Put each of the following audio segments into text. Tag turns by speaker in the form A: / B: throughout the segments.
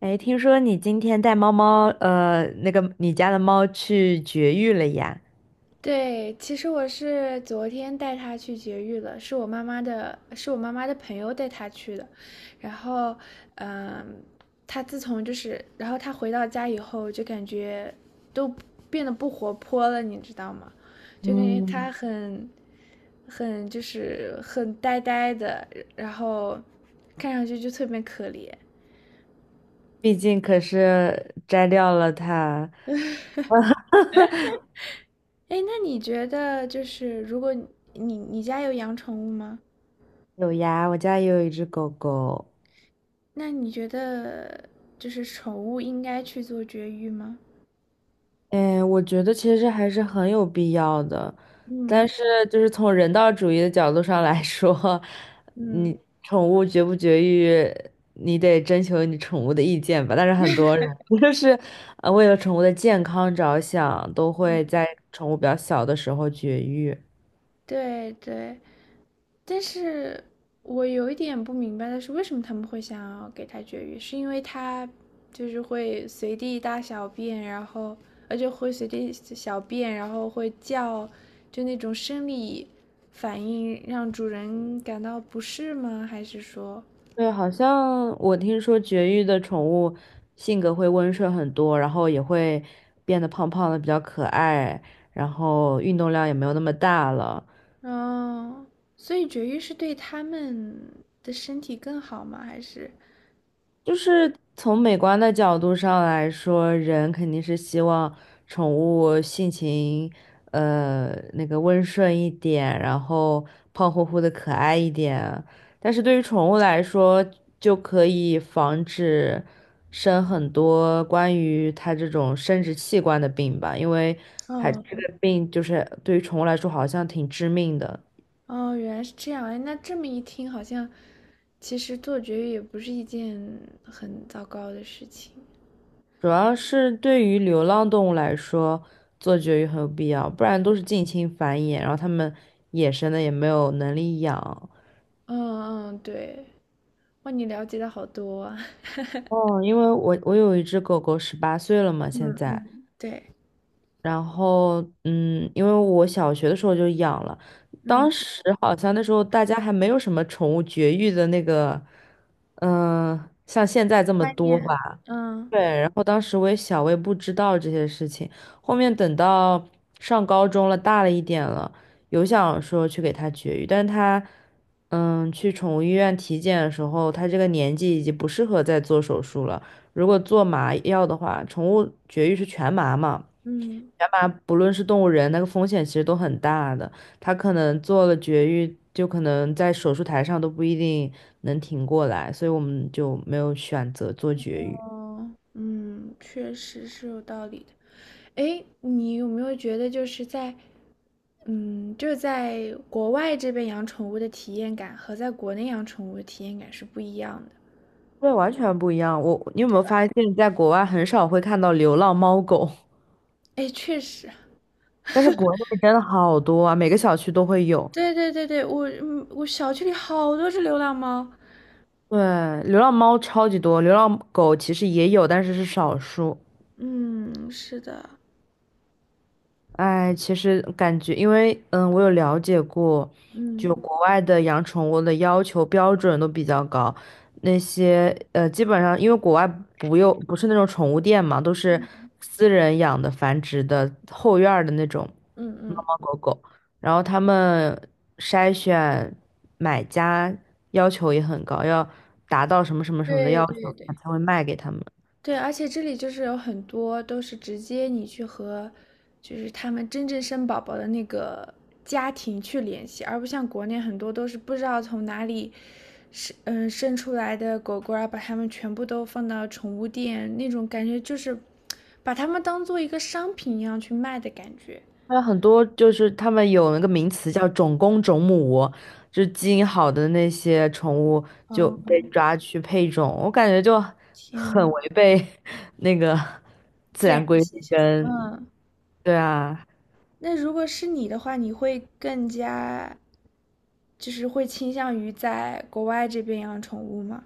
A: 哎，听说你今天带猫猫，那个你家的猫去绝育了呀？
B: 对，其实我是昨天带它去绝育了，是我妈妈的朋友带它去的。然后，嗯，它自从就是，然后它回到家以后，就感觉都变得不活泼了，你知道吗？就感觉
A: 嗯，
B: 它很就是很呆呆的，然后看上去就特别可怜。
A: 毕竟可是摘掉了它。
B: 哎，那你觉得就是如果你家有养宠物吗？
A: 有呀，我家也有一只狗狗。
B: 那你觉得就是宠物应该去做绝育吗？
A: 哎，我觉得其实还是很有必要的，
B: 嗯
A: 但是就是从人道主义的角度上来说，
B: 嗯，
A: 你宠物绝不绝育，你得征求你宠物的意见吧。但是很多人 就是为了宠物的健康着想，都会在宠物比较小的时候绝育。
B: 对对，但是我有一点不明白的是，为什么他们会想要给它绝育？是因为它就是会随地大小便，然后而且会随地小便，然后会叫，就那种生理反应让主人感到不适吗？还是说，
A: 对，好像我听说绝育的宠物性格会温顺很多，然后也会变得胖胖的，比较可爱，然后运动量也没有那么大了。
B: 哦，所以绝育是对他们的身体更好吗？还是，
A: 就是从美观的角度上来说，人肯定是希望宠物性情，呃，那个温顺一点，然后胖乎乎的可爱一点。但是对于宠物来说，就可以防止生很多关于它这种生殖器官的病吧，因为还这
B: 哦
A: 个病就是对于宠物来说好像挺致命的。
B: 哦，原来是这样。哎，那这么一听，好像其实做绝育也不是一件很糟糕的事情。
A: 主要是对于流浪动物来说，做绝育很有必要，不然都是近亲繁衍，然后它们野生的也没有能力养。
B: 嗯嗯，对，哇，你了解的好多啊。
A: 哦，因为我有一只狗狗，十八岁了嘛，现
B: 嗯嗯，
A: 在，
B: 对，
A: 然后因为我小学的时候就养了，当
B: 嗯，
A: 时好像那时候大家还没有什么宠物绝育的那个，像现在这么
B: 观
A: 多吧。
B: 念，嗯
A: 对，然后当时我也小，我也不知道这些事情。后面等到上高中了，大了一点了，有想说去给他绝育，但是他，去宠物医院体检的时候，他这个年纪已经不适合再做手术了。如果做麻药的话，宠物绝育是全麻嘛，
B: 嗯，
A: 全麻不论是动物人，那个风险其实都很大的。他可能做了绝育，就可能在手术台上都不一定能挺过来，所以我们就没有选择做绝育。
B: 哦，嗯，确实是有道理的。诶，你有没有觉得就是在，嗯，就是在国外这边养宠物的体验感和在国内养宠物的体验感是不一样的？
A: 对，完全不一样。你有没有发现，在国外很少会看到流浪猫狗，
B: 诶，确实，
A: 但是国内真的好多啊，每个小区都会有。
B: 对对对对，我小区里好多只流浪猫。
A: 对，流浪猫超级多，流浪狗其实也有，但是是少数。
B: 嗯，是的，
A: 哎，其实感觉，因为我有了解过，就
B: 嗯
A: 国外的养宠物的要求标准都比较高，那些基本上因为国外不用不是那种宠物店嘛，都是私人养的繁殖的后院儿的那种
B: 嗯
A: 猫
B: 嗯，
A: 猫狗狗，然后他们筛选买家要求也很高，要达到什么什么什么的
B: 对
A: 要求，
B: 对
A: 他
B: 对。
A: 才会卖给他们。
B: 对，而且这里就是有很多都是直接你去和，就是他们真正生宝宝的那个家庭去联系，而不像国内很多都是不知道从哪里生出来的狗狗，啊，把它们全部都放到宠物店，那种感觉就是把它们当做一个商品一样去卖的感觉。
A: 还有很多就是他们有那个名词叫种公种母，就是基因好的那些宠物就
B: 哦，
A: 被抓去配种，我感觉就很
B: 天，
A: 违背 那个自
B: 自然
A: 然规律
B: 现象。
A: 跟，
B: 嗯，
A: 对啊，
B: 那如果是你的话，你会更加就是会倾向于在国外这边养宠物吗？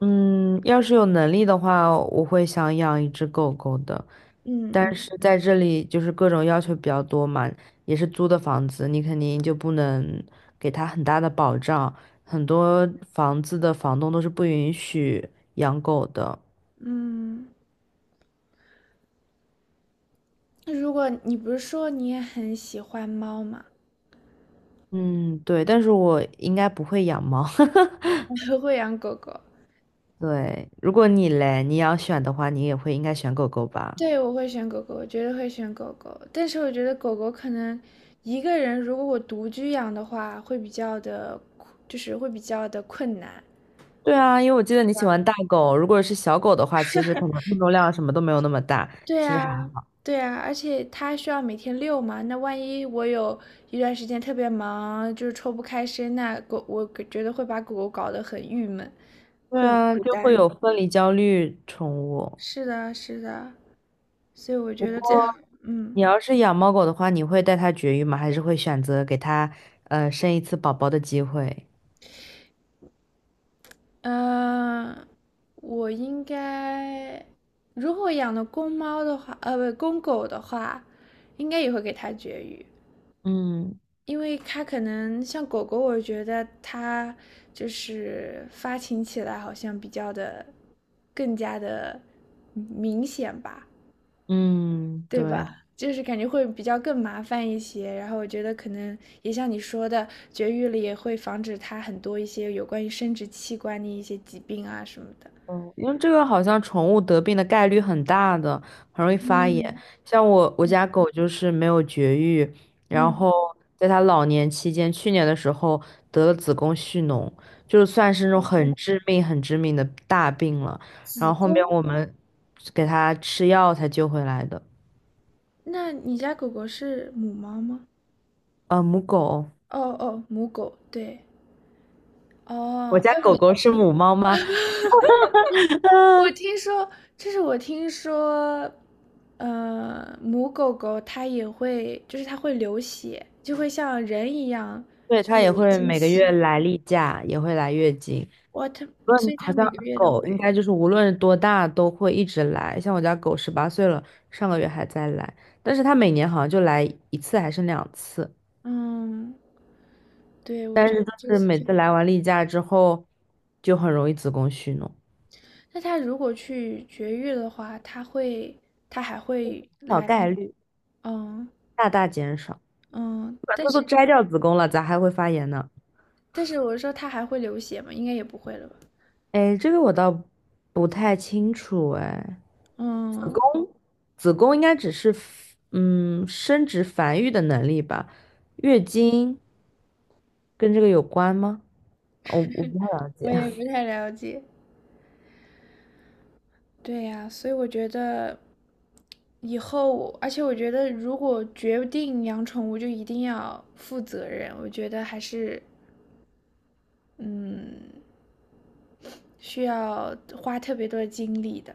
A: 嗯，要是有能力的话，我会想养一只狗狗的。
B: 嗯
A: 但
B: 嗯
A: 是在这里就是各种要求比较多嘛，也是租的房子，你肯定就不能给它很大的保障。很多房子的房东都是不允许养狗的。
B: 嗯，那如果你不是说你也很喜欢猫吗？
A: 嗯，对，但是我应该不会养猫。
B: 我会养狗狗，
A: 对，如果你嘞，你要选的话，你也会应该选狗狗吧？
B: 对，我会选狗狗，我绝对会选狗狗。但是我觉得狗狗可能一个人，如果我独居养的话，会比较的，就是会比较的困难。
A: 对啊，因为我记得你喜欢大狗，如果是小狗的话，其实可能运动量什么都没有那么大，
B: 对
A: 其实还。
B: 啊，对啊，而且它需要每天遛嘛，那万一我有一段时间特别忙，就是抽不开身，那狗我觉得会把狗狗搞得很郁闷，
A: 对
B: 会很
A: 啊，
B: 孤
A: 就会
B: 单。
A: 有分离焦虑宠物。
B: 是的，是的。所以我觉得这样，嗯，
A: 你要是养猫狗的话，你会带它绝育吗？还是会选择给它生一次宝宝的机会？
B: 呃，我应该，如果养的公猫的话，不，公狗的话，应该也会给它绝育，
A: 嗯
B: 因为它可能像狗狗，我觉得它就是发情起来好像比较的更加的明显吧，
A: 嗯，
B: 对
A: 对，
B: 吧？就是感觉会比较更麻烦一些，然后我觉得可能也像你说的，绝育了也会防止它很多一些有关于生殖器官的一些疾病啊什么的。
A: 嗯，因为这个好像宠物得病的概率很大的，很容易发炎。
B: 嗯，
A: 像我家狗就是没有绝育，然
B: 嗯，
A: 后在它老年期间，去年的时候得了子宫蓄脓，就算是那种很致命、很致命的大病了。然后后面我们给它吃药才救回来的。
B: 那你家狗狗是母猫吗？
A: 母狗。
B: 哦哦，母狗，对，
A: 我
B: 哦，
A: 家
B: 哎，
A: 狗狗
B: 我
A: 是母猫吗？啊，
B: 我听说，就是我听说，母狗狗它也会，就是它会流血，就会像人一样，
A: 对，
B: 就
A: 它也
B: 有
A: 会
B: 经
A: 每个月
B: 期。
A: 来例假，也会来月经。
B: 哇，它，所以
A: 好
B: 它
A: 像
B: 每个月都
A: 狗应该就是无论多大都会一直来，像我家狗十八岁了，上个月还在来，但是它每年好像就来一次还是两次，
B: 嗯，对，我觉得这
A: 是
B: 些，
A: 每次来完例假之后，就很容易子宫蓄脓，
B: 那他如果去绝育的话，他会，他还会
A: 小
B: 来那
A: 概率
B: 嗯
A: 大大减少，
B: 嗯，
A: 把
B: 但
A: 它都
B: 是
A: 摘掉子宫了，咋还会发炎呢？
B: 但是我说他还会流血吗？应该也不会了吧？
A: 哎，这个我倒不太清楚哎，子
B: 嗯，
A: 宫子宫应该只是生殖繁育的能力吧，月经跟这个有关吗？我不太了
B: 我
A: 解，
B: 也不太了解。对呀，所以我觉得以后我而且我觉得如果决定养宠物，就一定要负责任。我觉得还是嗯，需要花特别多的精力的，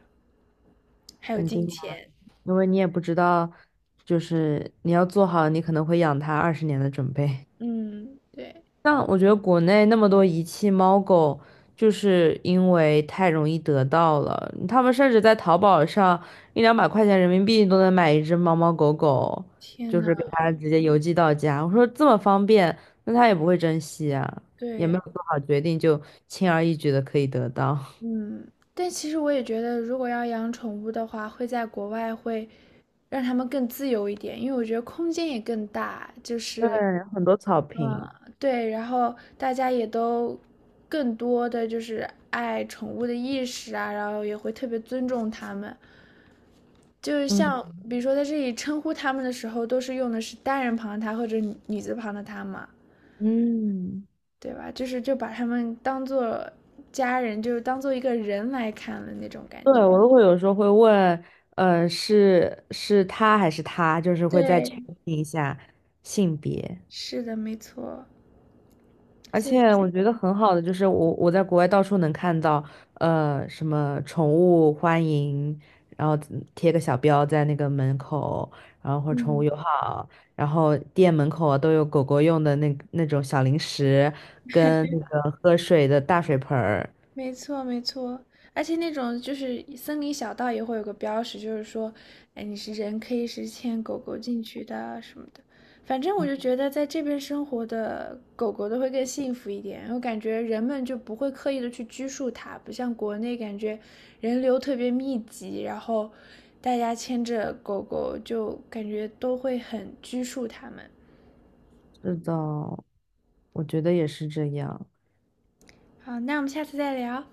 B: 还有
A: 肯
B: 金
A: 定啊，
B: 钱。
A: 因为你也不知道，就是你要做好你可能会养它20年的准备。
B: 嗯，对。
A: 像我觉得国内那么多遗弃猫狗，就是因为太容易得到了，他们甚至在淘宝上一两百块钱人民币都能买一只猫猫狗狗，
B: 天
A: 就
B: 呐，
A: 是给它直接邮寄到家。我说这么方便，那它也不会珍惜啊，也没有
B: 对，
A: 做好决定就轻而易举的可以得到。
B: 嗯，但其实我也觉得，如果要养宠物的话，会在国外会让它们更自由一点，因为我觉得空间也更大，就
A: 对，
B: 是，
A: 很多草坪。
B: 嗯，对，然后大家也都更多的就是爱宠物的意识啊，然后也会特别尊重它们，就是像
A: 嗯
B: 比如说在这里称呼它们的时候，都是用的是单人旁的它或者女字旁的它嘛，
A: 嗯。
B: 对吧？就是就把他们当做家人，就是当做一个人来看了那种感
A: 对，
B: 觉。
A: 我都会有时候会问，是他还是他，就是会再确
B: 对，
A: 定一下性别。
B: 是的，没错。
A: 而且
B: 就
A: 我觉得很好的就是我在国外到处能看到，什么宠物欢迎，然后贴个小标在那个门口，然后或者宠物
B: 嗯。
A: 友好，然后店门口啊都有狗狗用的那种小零食跟那个喝水的大水盆儿。
B: 没错，没错，而且那种就是森林小道也会有个标识，就是说，哎，你是人可以是牵狗狗进去的啊什么的。反正我就觉得在这边生活的狗狗都会更幸福一点，我感觉人们就不会刻意的去拘束它，不像国内感觉人流特别密集，然后大家牵着狗狗就感觉都会很拘束它们。
A: 是的，我觉得也是这样。
B: 好，那我们下次再聊。